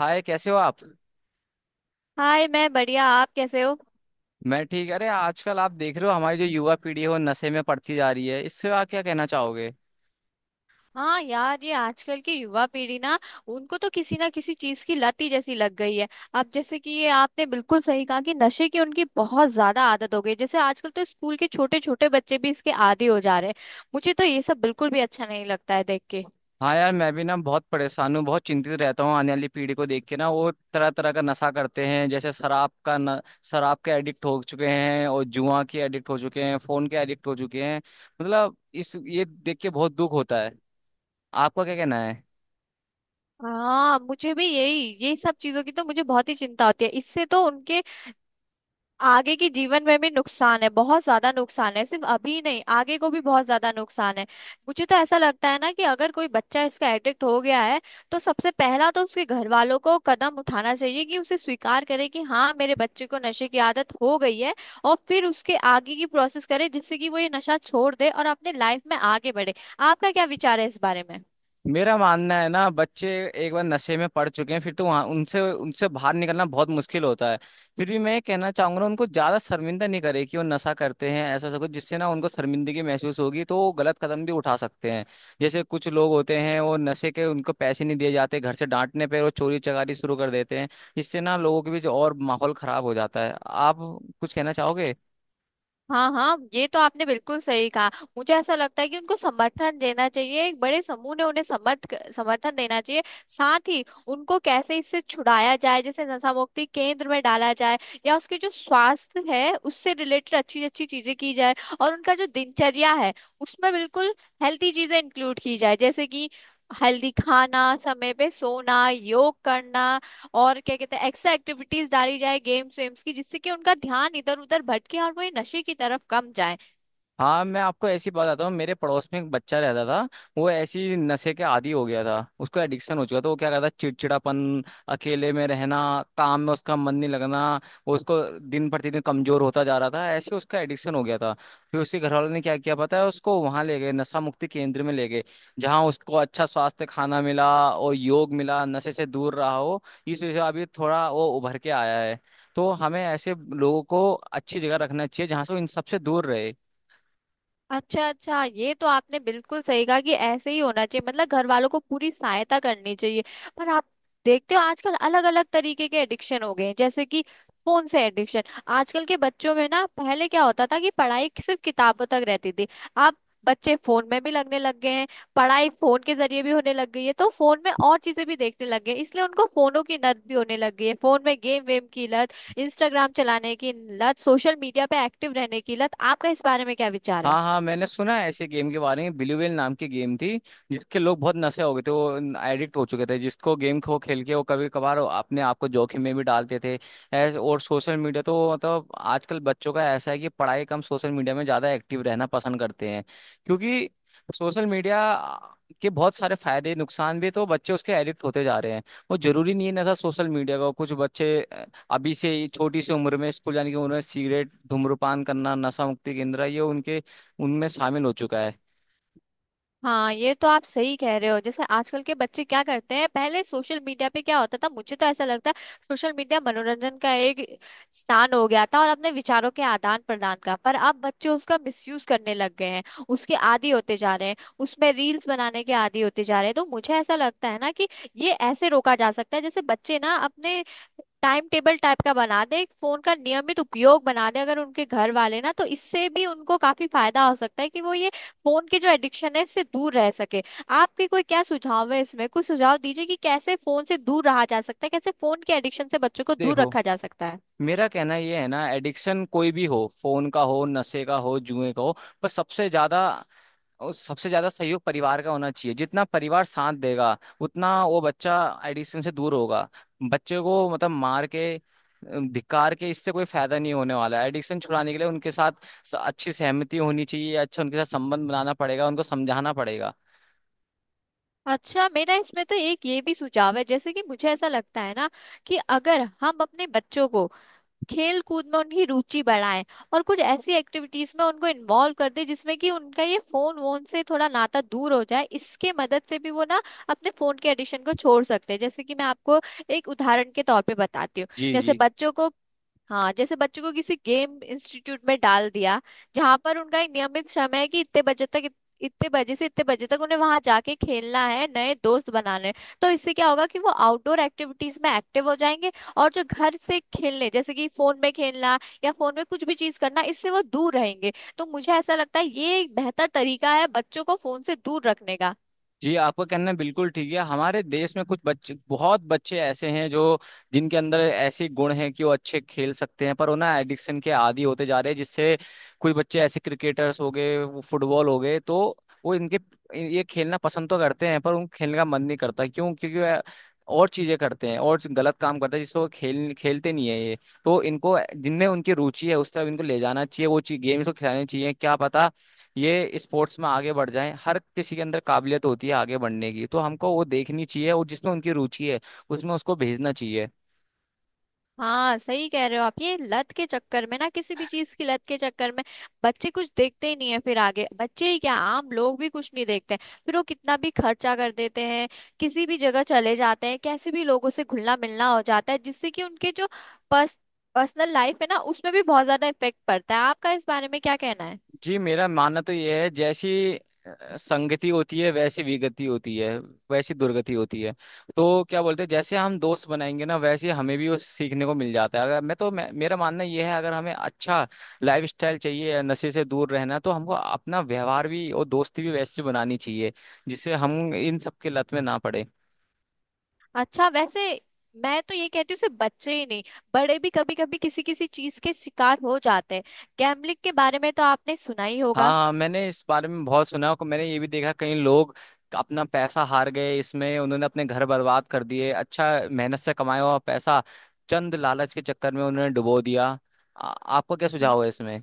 हाय, कैसे हो आप। हाय, मैं बढ़िया। आप कैसे हो? मैं ठीक। अरे आजकल आप देख रहे हो हमारी जो युवा पीढ़ी है वो नशे में पड़ती जा रही है, इससे आप क्या कहना चाहोगे। हाँ यार, ये आजकल की युवा पीढ़ी ना, उनको तो किसी ना किसी चीज की लत ही जैसी लग गई है। अब जैसे कि ये आपने बिल्कुल सही कहा कि नशे की उनकी बहुत ज्यादा आदत हो गई। जैसे आजकल तो स्कूल के छोटे छोटे बच्चे भी इसके आदी हो जा रहे हैं। मुझे तो ये सब बिल्कुल भी अच्छा नहीं लगता है देख के। हाँ यार, मैं भी ना बहुत परेशान हूँ, बहुत चिंतित रहता हूँ आने वाली पीढ़ी को देख के ना। वो तरह तरह का नशा करते हैं, जैसे शराब का न, शराब के एडिक्ट हो चुके हैं, और जुआ के एडिक्ट हो चुके हैं, फोन के एडिक्ट हो चुके हैं। मतलब इस ये देख के बहुत दुख होता है। आपका क्या कहना है। हाँ, मुझे भी यही यही सब चीजों की तो मुझे बहुत ही चिंता होती है। इससे तो उनके आगे के जीवन में भी नुकसान है, बहुत ज्यादा नुकसान है। सिर्फ अभी नहीं, आगे को भी बहुत ज्यादा नुकसान है। मुझे तो ऐसा लगता है ना कि अगर कोई बच्चा इसका एडिक्ट हो गया है, तो सबसे पहला तो उसके घर वालों को कदम उठाना चाहिए कि उसे स्वीकार करे कि हाँ, मेरे बच्चे को नशे की आदत हो गई है। और फिर उसके आगे की प्रोसेस करे जिससे कि वो ये नशा छोड़ दे और अपने लाइफ में आगे बढ़े। आपका क्या विचार है इस बारे में? मेरा मानना है ना, बच्चे एक बार नशे में पड़ चुके हैं फिर तो वहां उनसे उनसे बाहर निकलना बहुत मुश्किल होता है। फिर भी मैं ये कहना चाहूंगा, उनको ज्यादा शर्मिंदा नहीं करे कि वो नशा करते हैं। ऐसा ऐसा कुछ जिससे ना उनको शर्मिंदगी महसूस होगी तो वो गलत कदम भी उठा सकते हैं। जैसे कुछ लोग होते हैं वो नशे के, उनको पैसे नहीं दिए जाते घर से, डांटने पर वो चोरी चकारी शुरू कर देते हैं। इससे ना लोगों के बीच और माहौल खराब हो जाता है। आप कुछ कहना चाहोगे। हाँ हाँ, ये तो आपने बिल्कुल सही कहा। मुझे ऐसा लगता है कि उनको समर्थन देना चाहिए, एक बड़े समूह ने उन्हें समर्थन देना चाहिए। साथ ही उनको कैसे इससे छुड़ाया जाए, जैसे नशा मुक्ति केंद्र में डाला जाए, या उसके जो स्वास्थ्य है उससे रिलेटेड अच्छी अच्छी चीजें की जाए। और उनका जो दिनचर्या है, उसमें बिल्कुल हेल्थी चीजें इंक्लूड की जाए। जैसे कि हेल्दी खाना, समय पे सोना, योग करना, और क्या कहते हैं एक्स्ट्रा एक्टिविटीज डाली जाए, गेम्स वेम्स की, जिससे कि उनका ध्यान इधर उधर भटके और वो ये नशे की तरफ कम जाए। हाँ, मैं आपको ऐसी बताता हूँ, मेरे पड़ोस में एक बच्चा रहता था। वो ऐसी नशे के आदी हो गया था, उसको एडिक्शन हो चुका था। वो क्या करता, चिड़चिड़ापन, अकेले में रहना, काम में उसका मन नहीं लगना, वो उसको दिन प्रतिदिन कमजोर होता जा रहा था, ऐसे उसका एडिक्शन हो गया था। फिर उसके घर वालों ने क्या किया पता है, उसको वहां ले गए, नशा मुक्ति केंद्र में ले गए। जहाँ उसको अच्छा स्वास्थ्य, खाना मिला और योग मिला, नशे से दूर रहा हो। इस वजह से अभी थोड़ा वो उभर के आया है। तो हमें ऐसे लोगों को अच्छी जगह रखना चाहिए जहाँ से वो इन सबसे दूर रहे। अच्छा अच्छा, ये तो आपने बिल्कुल सही कहा कि ऐसे ही होना चाहिए। मतलब घर वालों को पूरी सहायता करनी चाहिए। पर आप देखते हो आजकल अलग अलग तरीके के एडिक्शन हो गए हैं। जैसे कि फोन से एडिक्शन, आजकल के बच्चों में ना, पहले क्या होता था कि पढ़ाई सिर्फ किताबों तक रहती थी। अब बच्चे फोन में भी लगने लग गए हैं, पढ़ाई फोन के जरिए भी होने लग गई है, तो फोन में और चीजें भी देखने लग गए हैं, इसलिए उनको फोनों की लत भी होने लग गई है। फोन में गेम वेम की लत, इंस्टाग्राम चलाने की लत, सोशल मीडिया पे एक्टिव रहने की लत। आपका इस बारे में क्या विचार है? हाँ हाँ, मैंने सुना है ऐसे गेम के बारे में, ब्लू व्हेल नाम की गेम थी। जिसके लोग बहुत नशे हो गए थे, वो एडिक्ट हो चुके थे, जिसको गेम को खेल के वो कभी कभार अपने आप को जोखिम में भी डालते थे ऐसे। और सोशल मीडिया तो मतलब आजकल बच्चों का ऐसा है कि पढ़ाई कम, सोशल मीडिया में ज़्यादा एक्टिव रहना पसंद करते हैं। क्योंकि सोशल मीडिया के बहुत सारे फायदे, नुकसान भी, तो बच्चे उसके एडिक्ट होते जा रहे हैं। वो जरूरी नहीं है ना था सोशल मीडिया का। कुछ बच्चे अभी से ही छोटी सी उम्र में, स्कूल जाने की उम्र में सिगरेट, धूम्रपान करना, नशा मुक्ति केंद्र, ये उनके, उनमें शामिल हो चुका है। हाँ, ये तो आप सही कह रहे हो। जैसे आजकल के बच्चे क्या करते हैं, पहले सोशल मीडिया पे क्या होता था, मुझे तो ऐसा लगता है सोशल मीडिया मनोरंजन का एक स्थान हो गया था, और अपने विचारों के आदान प्रदान का। पर अब बच्चे उसका मिसयूज करने लग गए हैं, उसके आदी होते जा रहे हैं, उसमें रील्स बनाने के आदी होते जा रहे हैं। तो मुझे ऐसा लगता है ना कि ये ऐसे रोका जा सकता है, जैसे बच्चे ना अपने टाइम टेबल टाइप का बना दे, एक फोन का नियमित उपयोग बना दे अगर उनके घर वाले ना, तो इससे भी उनको काफी फायदा हो सकता है कि वो ये फोन की जो एडिक्शन है, इससे दूर रह सके। आपके कोई क्या सुझाव है इसमें? कुछ सुझाव दीजिए कि कैसे फोन से दूर रहा जा सकता है, कैसे फोन के एडिक्शन से बच्चों को दूर देखो, रखा जा सकता है। मेरा कहना ये है ना, एडिक्शन कोई भी हो, फोन का हो, नशे का हो, जुए का हो, पर सबसे ज्यादा सहयोग परिवार का होना चाहिए। जितना परिवार साथ देगा उतना वो बच्चा एडिक्शन से दूर होगा। बच्चे को मतलब मार के, धिक्कार के इससे कोई फायदा नहीं होने वाला है। एडिक्शन छुड़ाने के लिए उनके साथ अच्छी सहमति होनी चाहिए, अच्छा उनके साथ संबंध बनाना पड़ेगा, उनको समझाना पड़ेगा। अच्छा, मेरा इसमें तो एक ये भी सुझाव है। जैसे कि मुझे ऐसा लगता है ना कि अगर हम अपने बच्चों को खेल कूद में उनकी रुचि बढ़ाएं और कुछ ऐसी एक्टिविटीज में उनको इन्वॉल्व कर दें जिसमें कि उनका ये फोन वोन से थोड़ा नाता दूर हो जाए, इसके मदद से भी वो ना अपने फोन के एडिक्शन को छोड़ सकते हैं। जैसे कि मैं आपको एक उदाहरण के तौर पे बताती हूँ। जी जैसे जी। बच्चों को, हाँ, जैसे बच्चों को किसी गेम इंस्टीट्यूट में डाल दिया, जहां पर उनका एक नियमित समय है कि इतने बजे से इतने बजे तक उन्हें वहां जाके खेलना है, नए दोस्त बनाने हैं। तो इससे क्या होगा कि वो आउटडोर एक्टिविटीज में एक्टिव हो जाएंगे, और जो घर से खेलने जैसे कि फोन में खेलना या फोन में कुछ भी चीज करना, इससे वो दूर रहेंगे। तो मुझे ऐसा लगता है ये एक बेहतर तरीका है बच्चों को फोन से दूर रखने का। जी, आपका कहना बिल्कुल ठीक है। हमारे देश में कुछ बच्चे बहुत बच्चे ऐसे हैं जो, जिनके अंदर ऐसे गुण हैं कि वो अच्छे खेल सकते हैं, पर वो ना एडिक्शन के आदी होते जा रहे हैं। जिससे कुछ बच्चे ऐसे क्रिकेटर्स हो गए, वो फुटबॉल हो गए, तो वो इनके ये खेलना पसंद तो करते हैं पर उन खेलने का मन नहीं करता। क्यों, क्योंकि वह और चीजें करते हैं और गलत काम करते हैं जिससे वो खेल खेलते नहीं है ये। तो इनको जिनमें उनकी रुचि है उस तरफ इनको ले जाना चाहिए, वो चीज गेम्स को खिलानी चाहिए। क्या पता ये स्पोर्ट्स में आगे बढ़ जाएं। हर किसी के अंदर काबिलियत होती है आगे बढ़ने की, तो हमको वो देखनी चाहिए और जिसमें उनकी रुचि है उसमें उसको भेजना चाहिए। हाँ, सही कह रहे हो आप। ये लत के चक्कर में ना, किसी भी चीज की लत के चक्कर में बच्चे कुछ देखते ही नहीं है। फिर आगे बच्चे ही क्या, आम लोग भी कुछ नहीं देखते। फिर वो कितना भी खर्चा कर देते हैं, किसी भी जगह चले जाते हैं, कैसे भी लोगों से घुलना मिलना हो जाता है, जिससे कि उनके जो पर्स पर्सनल लाइफ है ना, उसमें भी बहुत ज्यादा इफेक्ट पड़ता है। आपका इस बारे में क्या कहना है? जी, मेरा मानना तो ये है, जैसी संगति होती है वैसी विगति होती है, वैसी दुर्गति होती है। तो क्या बोलते हैं, जैसे हम दोस्त बनाएंगे ना वैसे हमें भी वो सीखने को मिल जाता है। अगर मैं तो मैं, मेरा मानना ये है, अगर हमें अच्छा लाइफ स्टाइल चाहिए, नशे से दूर रहना, तो हमको अपना व्यवहार भी और दोस्ती भी वैसी बनानी चाहिए जिससे हम इन सब की लत में ना पड़े। अच्छा, वैसे मैं तो ये कहती हूँ सिर्फ बच्चे ही नहीं, बड़े भी कभी कभी किसी किसी चीज के शिकार हो जाते हैं। गैम्बलिंग के बारे में तो आपने सुना ही हाँ होगा। हाँ, मैंने इस बारे में बहुत सुना है, और मैंने ये भी देखा कई लोग अपना पैसा हार गए इसमें, उन्होंने अपने घर बर्बाद कर दिए। अच्छा मेहनत से कमाया हुआ पैसा चंद लालच के चक्कर में उन्होंने डुबो दिया। आपको क्या सुझाव है इसमें।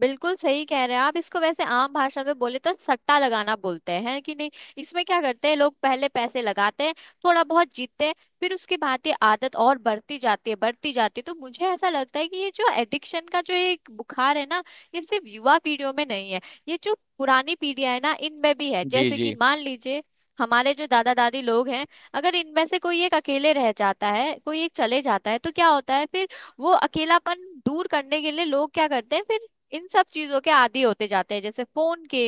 बिल्कुल सही कह रहे हैं आप। इसको वैसे आम भाषा में बोले तो सट्टा लगाना बोलते हैं कि नहीं। इसमें क्या करते हैं लोग पहले पैसे लगाते हैं, थोड़ा बहुत जीतते हैं, फिर उसके बाद ये आदत और बढ़ती जाती है, बढ़ती जाती है। तो मुझे ऐसा लगता है कि ये जो एडिक्शन का जो एक बुखार है ना, ये सिर्फ युवा पीढ़ियों में नहीं है, ये जो पुरानी पीढ़ियां है ना, इनमें भी है। जी जैसे कि जी। मान लीजिए हमारे जो दादा दादी लोग हैं, अगर इनमें से कोई एक अकेले रह जाता है, कोई एक चले जाता है, तो क्या होता है फिर? वो अकेलापन दूर करने के लिए लोग क्या करते हैं फिर? इन सब चीजों के आदी होते जाते हैं, जैसे फोन के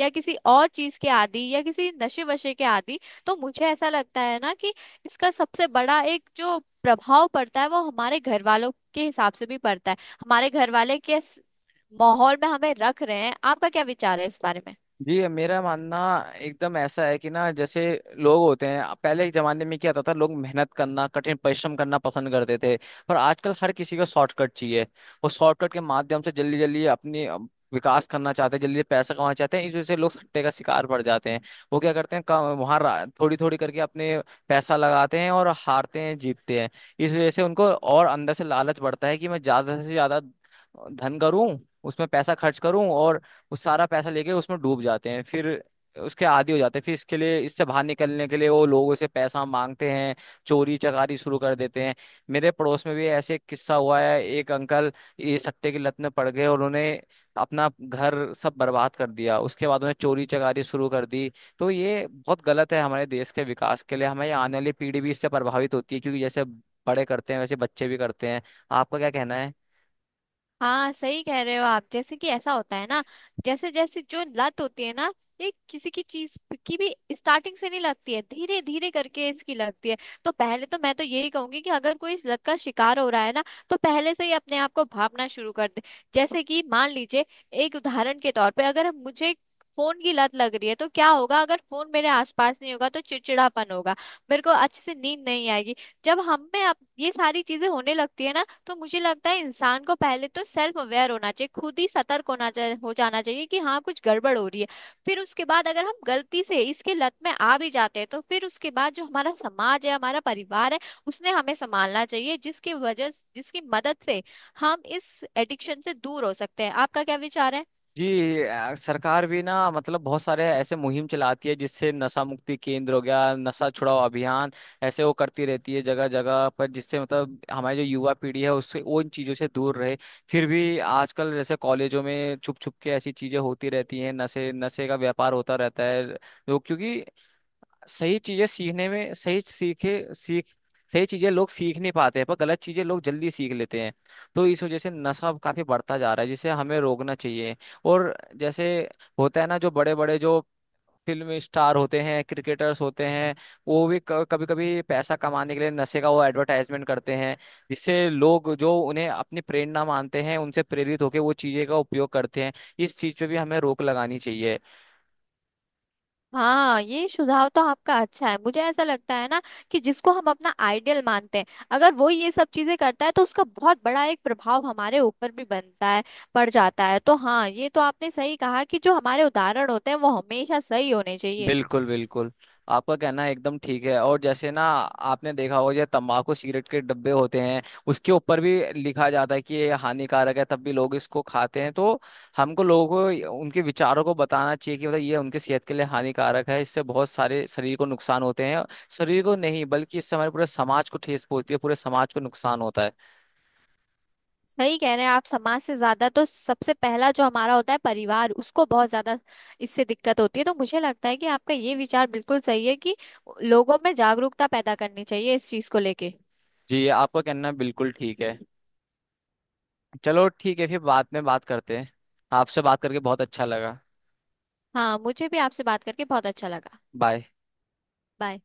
या किसी और चीज के आदी, या किसी नशे वशे के आदी। तो मुझे ऐसा लगता है ना कि इसका सबसे बड़ा एक जो प्रभाव पड़ता है, वो हमारे घर वालों के हिसाब से भी पड़ता है। हमारे घर वाले किस माहौल में हमें रख रहे हैं? आपका क्या विचार है इस बारे में? जी, मेरा मानना एकदम ऐसा है कि ना, जैसे लोग होते हैं पहले के जमाने में क्या होता था, लोग मेहनत करना, कठिन परिश्रम करना पसंद करते थे। पर आजकल हर किसी को शॉर्टकट चाहिए, वो शॉर्टकट के माध्यम से जल्दी जल्दी अपनी विकास करना चाहते हैं, जल्दी पैसा कमाना चाहते हैं। इस वजह से लोग सट्टे का शिकार पड़ जाते हैं। वो क्या करते हैं वहां, थोड़ी थोड़ी करके अपने पैसा लगाते हैं, और हारते हैं जीतते हैं। इस वजह से उनको और अंदर से लालच बढ़ता है कि मैं ज्यादा से ज्यादा धन करूं, उसमें पैसा खर्च करूं, और वो सारा पैसा लेके उसमें डूब जाते हैं। फिर उसके आदी हो जाते हैं, फिर इसके लिए, इससे बाहर निकलने के लिए वो लोगों से पैसा मांगते हैं, चोरी चकारी शुरू कर देते हैं। मेरे पड़ोस में भी ऐसे एक किस्सा हुआ है, एक अंकल ये सट्टे की लत में पड़ गए और उन्होंने अपना घर सब बर्बाद कर दिया। उसके बाद उन्हें चोरी चकारी शुरू कर दी। तो ये बहुत गलत है हमारे देश के विकास के लिए। हमारी आने वाली पीढ़ी भी इससे प्रभावित होती है, क्योंकि जैसे बड़े करते हैं वैसे बच्चे भी करते हैं। आपका क्या कहना है। हाँ, सही कह रहे हो आप। जैसे कि ऐसा होता है ना, जैसे जैसे जो लत होती है ना, ये किसी की चीज की भी स्टार्टिंग से नहीं लगती है, धीरे धीरे करके इसकी लगती है। तो पहले तो मैं तो यही कहूंगी कि अगर कोई इस लत का शिकार हो रहा है ना, तो पहले से ही अपने आप को भांपना शुरू कर दे। जैसे कि मान लीजिए, एक उदाहरण के तौर पे, अगर मुझे फोन की लत लग रही है, तो क्या होगा अगर फोन मेरे आसपास नहीं होगा तो चिड़चिड़ापन होगा, मेरे को अच्छे से नींद नहीं आएगी। जब हम में अब ये सारी चीजें होने लगती है ना, तो मुझे लगता है इंसान को पहले तो सेल्फ अवेयर होना चाहिए, खुद ही सतर्क होना चाहिए, हो जाना चाहिए कि हाँ कुछ गड़बड़ हो रही है। फिर उसके बाद अगर हम गलती से इसके लत में आ भी जाते हैं, तो फिर उसके बाद जो हमारा समाज है, हमारा परिवार है, उसने हमें संभालना चाहिए, जिसकी वजह जिसकी मदद से हम इस एडिक्शन से दूर हो सकते हैं। आपका क्या विचार है? जी, सरकार भी ना मतलब बहुत सारे ऐसे मुहिम चलाती है, जिससे नशा मुक्ति केंद्र हो गया, नशा छुड़ाओ अभियान, ऐसे वो करती रहती है जगह जगह पर, जिससे मतलब हमारी जो युवा पीढ़ी है उससे उन चीजों से दूर रहे। फिर भी आजकल जैसे कॉलेजों में छुप छुप के ऐसी चीजें होती रहती हैं, नशे नशे का व्यापार होता रहता है। लोग क्योंकि सही चीजें सीखने में, सही चीजें लोग सीख नहीं पाते हैं, पर गलत चीजें लोग जल्दी सीख लेते हैं। तो इस वजह से नशा काफी बढ़ता जा रहा है, जिसे हमें रोकना चाहिए। और जैसे होता है ना, जो बड़े बड़े जो फिल्म स्टार होते हैं, क्रिकेटर्स होते हैं, वो भी कभी कभी पैसा कमाने के लिए नशे का वो एडवर्टाइजमेंट करते हैं। जिससे लोग जो उन्हें अपनी प्रेरणा मानते हैं उनसे प्रेरित होकर वो चीजें का उपयोग करते हैं। इस चीज पे भी हमें रोक लगानी चाहिए। हाँ, ये सुझाव तो आपका अच्छा है। मुझे ऐसा लगता है ना कि जिसको हम अपना आइडियल मानते हैं, अगर वो ये सब चीजें करता है, तो उसका बहुत बड़ा एक प्रभाव हमारे ऊपर भी बनता है, पड़ जाता है। तो हाँ, ये तो आपने सही कहा कि जो हमारे उदाहरण होते हैं, वो हमेशा सही होने चाहिए। बिल्कुल बिल्कुल, आपका कहना एकदम ठीक है। और जैसे ना आपने देखा होगा, जो तंबाकू सिगरेट के डब्बे होते हैं उसके ऊपर भी लिखा जाता है कि ये हानिकारक है, तब भी लोग इसको खाते हैं। तो हमको लोगों को, उनके विचारों को बताना चाहिए कि मतलब ये उनके सेहत के लिए हानिकारक है, इससे बहुत सारे शरीर को नुकसान होते हैं। शरीर को नहीं बल्कि इससे हमारे पूरे समाज को ठेस पहुंचती है, पूरे समाज को नुकसान होता है। सही कह रहे हैं आप। समाज से ज्यादा तो सबसे पहला जो हमारा होता है परिवार, उसको बहुत ज्यादा इससे दिक्कत होती है। तो मुझे लगता है कि आपका ये विचार बिल्कुल सही है कि लोगों में जागरूकता पैदा करनी चाहिए इस चीज को लेके। जी, आपका कहना बिल्कुल ठीक है। चलो ठीक है, फिर बाद में बात करते हैं। आपसे बात करके बहुत अच्छा लगा। हाँ, मुझे भी आपसे बात करके बहुत अच्छा लगा। बाय। बाय।